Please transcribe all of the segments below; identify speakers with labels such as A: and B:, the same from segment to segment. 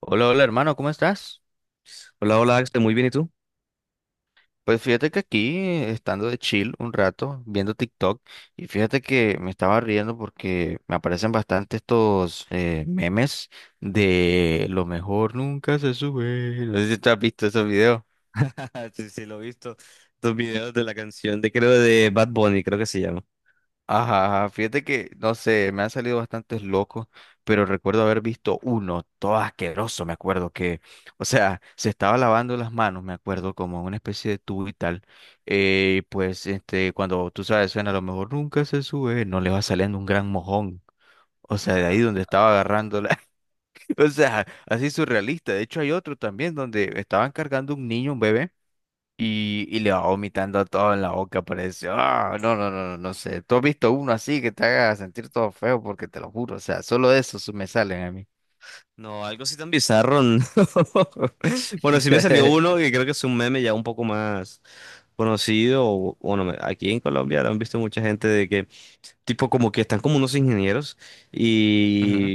A: Hola, hola hermano, ¿cómo estás?
B: Hola, hola Axel, muy bien, ¿y tú?
A: Pues fíjate que aquí, estando de chill un rato, viendo TikTok, y fíjate que me estaba riendo porque me aparecen bastante estos memes de lo mejor nunca se sube. No sé si tú has visto esos videos.
B: Sí, sí, lo he visto. Los videos de la canción de, creo, de Bad Bunny, creo que se llama.
A: Ajá, fíjate que, no sé, me han salido bastantes locos, pero recuerdo haber visto uno, todo asqueroso, me acuerdo que, o sea, se estaba lavando las manos, me acuerdo, como en una especie de tubo y tal, pues, cuando tú sabes, suena, a lo mejor nunca se sube, no le va saliendo un gran mojón, o sea, de ahí
B: Ah,
A: donde estaba agarrándola, o sea, así surrealista, de hecho hay otro también donde estaban cargando un niño, un bebé, y le va vomitando todo en la boca, parece. Ah, no, no, no, no, no sé. ¿Tú has visto uno así que te haga sentir todo feo? Porque te lo juro, o sea, solo de eso me salen a mí.
B: no, algo así tan bizarro, no. Bueno, sí me salió uno que creo que es un meme ya un poco más conocido. Bueno, aquí en Colombia lo han visto mucha gente de que, tipo, como que están como unos ingenieros.
A: Ujú.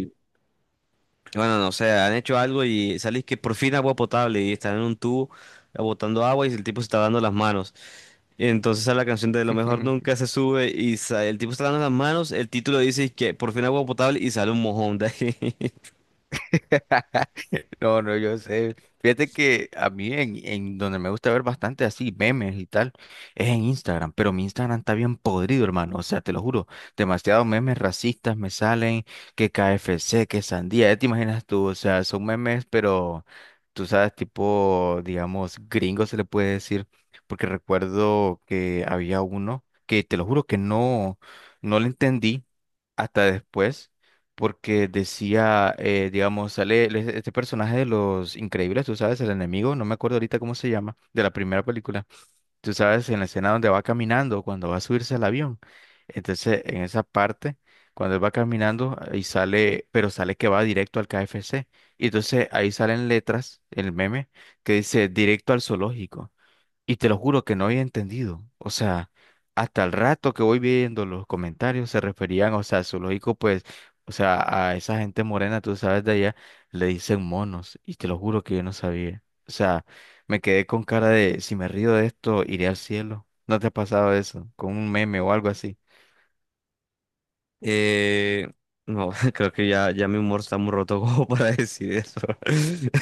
B: Bueno, no sé, han hecho algo y salís que por fin agua potable, y están en un tubo botando agua y el tipo se está dando las manos. Y entonces a la canción de Lo mejor nunca se sube y el tipo está dando las manos, el título dice que por fin agua potable y sale un mojón de ahí.
A: No, no, yo sé. Fíjate que a mí en donde me gusta ver bastante así memes y tal es en Instagram, pero mi Instagram está bien podrido, hermano. O sea, te lo juro, demasiados memes racistas me salen, que KFC, que sandía, ya te imaginas tú, o sea, son memes, pero tú sabes, tipo, digamos, gringo se le puede decir, porque recuerdo que había uno que te lo juro que no, no lo entendí hasta después, porque decía, digamos, este personaje de Los Increíbles, tú sabes, el enemigo, no me acuerdo ahorita cómo se llama, de la primera película, tú sabes, en la escena donde va caminando, cuando va a subirse al avión. Entonces, en esa parte, cuando él va caminando y sale, pero sale que va directo al KFC. Y entonces ahí salen letras, el meme, que dice directo al zoológico. Y te lo juro que no había entendido. O sea, hasta el rato que voy viendo los comentarios se referían, o sea, zoológico, pues, o sea, a esa gente morena, tú sabes de allá, le dicen monos. Y te lo juro que yo no sabía. O sea, me quedé con cara de, si me río de esto, iré al cielo. ¿No te ha pasado eso? Con un meme o algo así.
B: Eh, no, creo que ya mi humor está muy roto como para decir eso.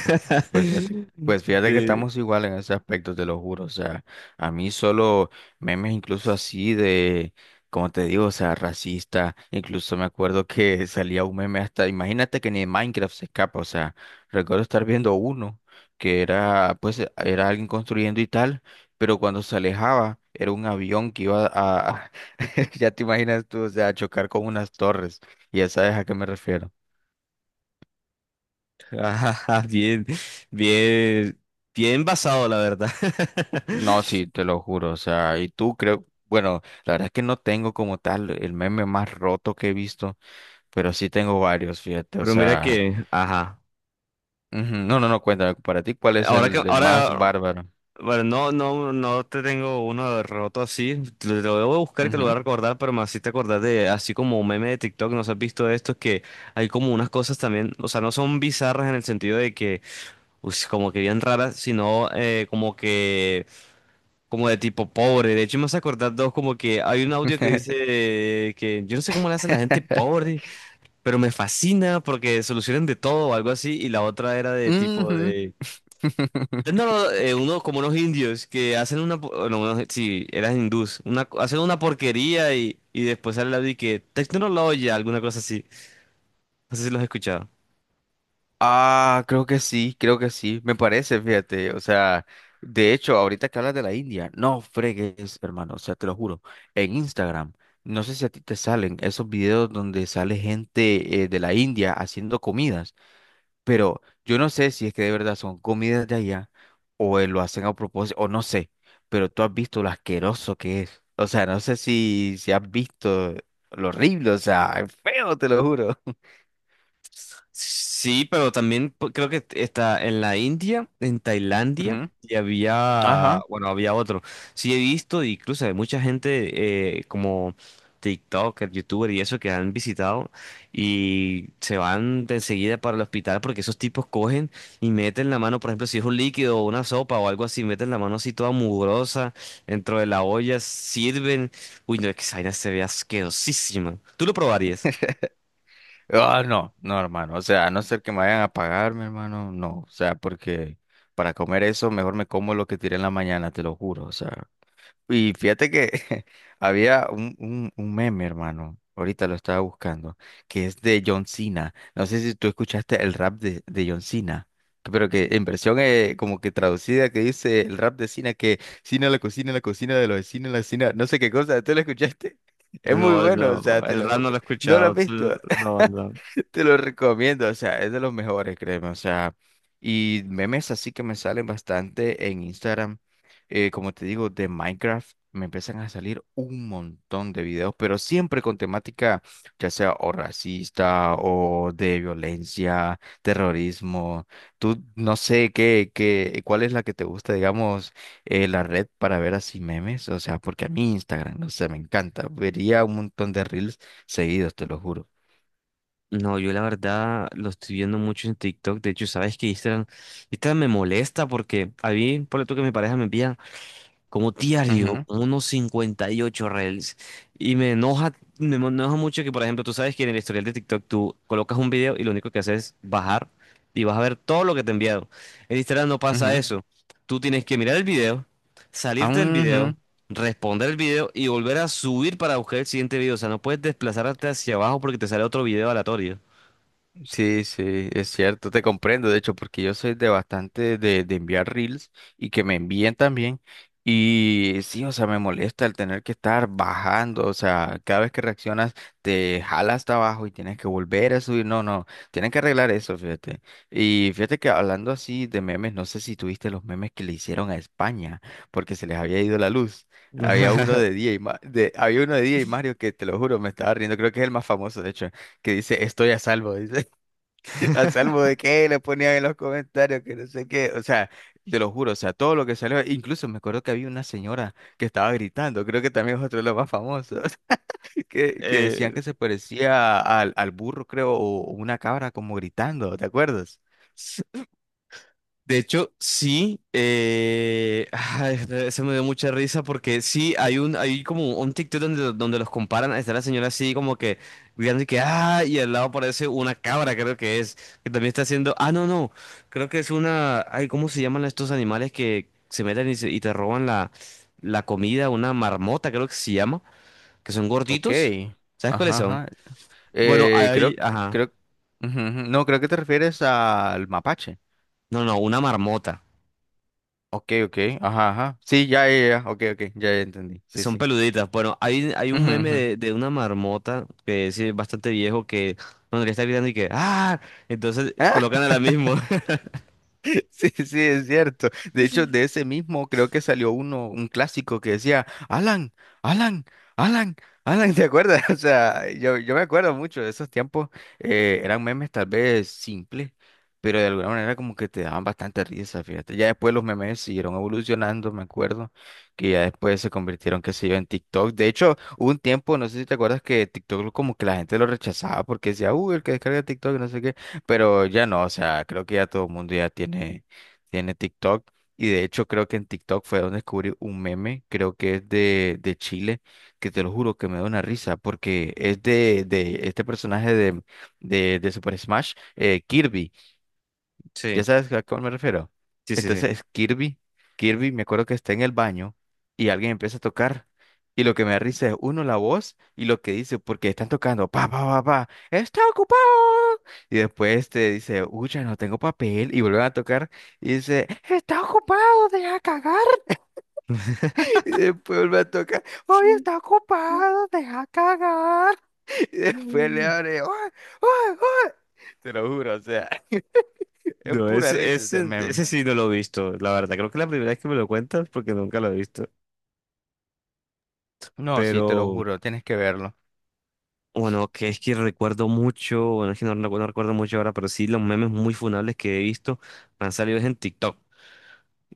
A: Ok. Pues fíjate, pues fíjate que
B: De-
A: estamos igual en ese aspecto, te lo juro. O sea, a mí solo memes incluso así de, como te digo, o sea, racista. Incluso me acuerdo que salía un meme hasta, imagínate que ni en Minecraft se escapa. O sea, recuerdo estar viendo uno que era, pues, era alguien construyendo y tal, pero cuando se alejaba era un avión que iba a, ya te imaginas tú, o sea, a chocar con unas torres. Y ya sabes a qué me refiero.
B: ajá, bien, bien, bien basado, la verdad.
A: No, sí, te lo juro, o sea, y tú creo, bueno, la verdad es que no tengo como tal el meme más roto que he visto, pero sí tengo varios, fíjate, o
B: Pero mira
A: sea,
B: que, ajá.
A: ujú. No, no, no, cuéntame, para ti, ¿cuál es
B: Ahora que,
A: el más
B: ahora,
A: bárbaro?
B: bueno, no, no, no te tengo uno roto así. Te lo debo buscar y te lo voy a
A: Ujú.
B: recordar, pero me hiciste acordar de, así como un meme de TikTok, ¿no has visto esto? Que hay como unas cosas también, o sea, no son bizarras en el sentido de que, uy, como que bien raras, sino como que, como de tipo pobre. De hecho, me hace acordar dos, como que hay un audio que dice que yo no sé cómo le hace la gente pobre, pero me fascina porque solucionan de todo o algo así. Y la otra era de tipo
A: Ujú.
B: de… No, no, uno como unos indios que hacen una, no, sí, eran hindús, una, hacen una porquería y después sale la de que tecnología, alguna cosa así. No sé si los he escuchado.
A: Ah, creo que sí, me parece, fíjate, o sea, de hecho, ahorita que hablas de la India, no fregues, hermano, o sea, te lo juro, en Instagram, no sé si a ti te salen esos videos donde sale gente de la India haciendo comidas, pero yo no sé si es que de verdad son comidas de allá o lo hacen a propósito, o no sé, pero tú has visto lo asqueroso que es, o sea, no sé si has visto lo horrible, o sea, es feo, te lo juro.
B: Sí, pero también creo que está en la India, en Tailandia,
A: Ujú.
B: y había,
A: Ajá.
B: bueno, había otro. Sí, he visto, incluso hay mucha gente como TikToker, YouTuber y eso que han visitado y se van de enseguida para el hospital porque esos tipos cogen y meten la mano, por ejemplo, si es un líquido o una sopa o algo así, meten la mano así toda mugrosa dentro de la olla, sirven. Uy, no, es que esa vaina se ve asquerosísima. ¿Tú lo probarías?
A: Ah, no, no, hermano. O sea, a no ser que me vayan a pagar, mi hermano, no. O sea, porque para comer eso, mejor me como lo que tiré en la mañana, te lo juro. O sea, y fíjate que había un meme, hermano. Ahorita lo estaba buscando, que es de John Cena. No sé si tú escuchaste el rap de John Cena, pero que en versión como que traducida, que dice el rap de Cena, que Cena la cocina de los vecinos, la cocina, no sé qué cosa. ¿Tú lo escuchaste? Es
B: No,
A: muy bueno,
B: no,
A: o sea, te
B: el
A: lo
B: rap
A: juro.
B: no lo he
A: ¿No lo has
B: escuchado.
A: visto?
B: No, no.
A: Te lo recomiendo, o sea, es de los mejores, créeme, o sea, y memes así que me salen bastante en Instagram, como te digo, de Minecraft, me empiezan a salir un montón de videos, pero siempre con temática, ya sea o racista o de violencia, terrorismo, tú no sé qué, cuál es la que te gusta, digamos, la red para ver así memes, o sea, porque a mí Instagram, no sé, me encanta, vería un montón de reels seguidos, te lo juro.
B: No, yo la verdad lo estoy viendo mucho en TikTok. De hecho, sabes que Instagram me molesta porque a mí, por tú que mi pareja me envía, como diario,
A: Ujú,
B: como unos 58 reels. Y me enoja mucho que, por ejemplo, tú sabes que en el historial de TikTok tú colocas un video y lo único que haces es bajar y vas a ver todo lo que te he enviado. En Instagram no pasa
A: ujú.
B: eso. Tú tienes que mirar el video,
A: Ah,
B: salirte del video,
A: ujú.
B: responder el video y volver a subir para buscar el siguiente video. O sea, no puedes desplazarte hacia abajo porque te sale otro video aleatorio.
A: Sí, sí, es cierto, te comprendo, de hecho, porque yo soy de bastante de enviar reels y que me envíen también. Y sí, o sea, me molesta el tener que estar bajando, o sea, cada vez que reaccionas te jala hasta abajo y tienes que volver a subir. No, no, tienen que arreglar eso, fíjate. Y fíjate que hablando así de memes, no sé si tuviste los memes que le hicieron a España, porque se les había ido la luz. Había uno de DJ, había uno de DJ Mario que te lo juro, me estaba riendo, creo que es el más famoso, de hecho, que dice estoy a salvo, dice. A salvo de que le ponían en los comentarios que no sé qué. O sea, te lo juro, o sea, todo lo que salió. Incluso me acuerdo que había una señora que estaba gritando, creo que también es otro de los más famosos, que decían
B: Eh,
A: que se parecía al burro, creo, o una cabra como gritando, ¿te acuerdas?
B: De hecho, sí, ay, se me dio mucha risa porque sí, hay un, hay como un TikTok donde, donde los comparan, está la señora así como que gritando y que, ah, y al lado aparece una cabra, creo que es, que también está haciendo, ah, no, no, creo que es una, ay, ¿cómo se llaman estos animales que se meten y, y te roban la, la comida? Una marmota, creo que se llama, que son
A: Ok.
B: gorditos, ¿sabes cuáles
A: Ajá,
B: son?
A: ajá.
B: Bueno, hay,
A: Creo,
B: ajá,
A: creo. Ujú, ujú. No, creo que te refieres al mapache.
B: no, no, una marmota.
A: Ok, ok. Ajá, ajá. Sí, ya, ya, ya. Ok, ok. Ya, ya entendí. Sí,
B: Son
A: sí.
B: peluditas. Bueno, hay un
A: Ujú,
B: meme
A: ujú.
B: de una marmota que es bastante viejo que cuando le está gritando y que ¡Ah! Entonces colocan a la misma.
A: Sí, sí, es cierto. De hecho, de ese mismo creo que salió uno, un clásico que decía, Alan, Alan, Alan, Alan, ¿te acuerdas? O sea, yo me acuerdo mucho de esos tiempos. Eran memes tal vez simples, pero de alguna manera como que te daban bastante risa, fíjate. Ya después los memes siguieron evolucionando, me acuerdo, que ya después se convirtieron, qué sé yo, en TikTok. De hecho, hubo un tiempo, no sé si te acuerdas, que TikTok como que la gente lo rechazaba porque decía, uy, el que descarga TikTok, no sé qué. Pero ya no, o sea, creo que ya todo el mundo ya tiene TikTok. Y de hecho creo que en TikTok fue donde descubrí un meme, creo que es de Chile, que te lo juro que me da una risa, porque es de este personaje de Super Smash, Kirby. ¿Ya
B: Sí,
A: sabes a cuál me refiero?
B: sí, sí,
A: Entonces Kirby, me acuerdo que está en el baño y alguien empieza a tocar. Y lo que me da risa es uno la voz y lo que dice, porque están tocando, pa, pa, pa, pa, está ocupado. Y después te dice, uy, ya no tengo papel. Y vuelven a tocar y dice, está ocupado, deja cagar. Y después vuelve a tocar, hoy
B: sí.
A: está ocupado, deja cagar. Y después le abre, uy, uy, uy. Te lo juro, o sea, es
B: No,
A: pura
B: ese,
A: risa ese
B: ese,
A: meme.
B: ese sí no lo he visto, la verdad. Creo que la primera vez que me lo cuentas porque nunca lo he visto.
A: No, sí, te lo
B: Pero
A: juro, tienes que verlo.
B: bueno, que es que recuerdo mucho, bueno, es que no, no recuerdo mucho ahora, pero sí los memes muy funables que he visto me han salido es en TikTok.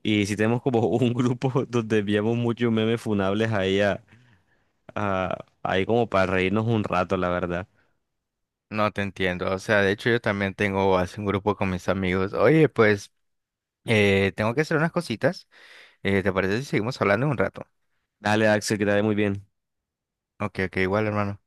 B: Y sí tenemos como un grupo donde enviamos muchos memes funables ahí, ah, ahí como para reírnos un rato, la verdad.
A: No te entiendo. O sea, de hecho yo también tengo así un grupo con mis amigos. Oye, pues tengo que hacer unas cositas. ¿Te parece si seguimos hablando en un rato?
B: Dale, Axel, que te vaya muy bien.
A: Ok, ok, igual, hermano.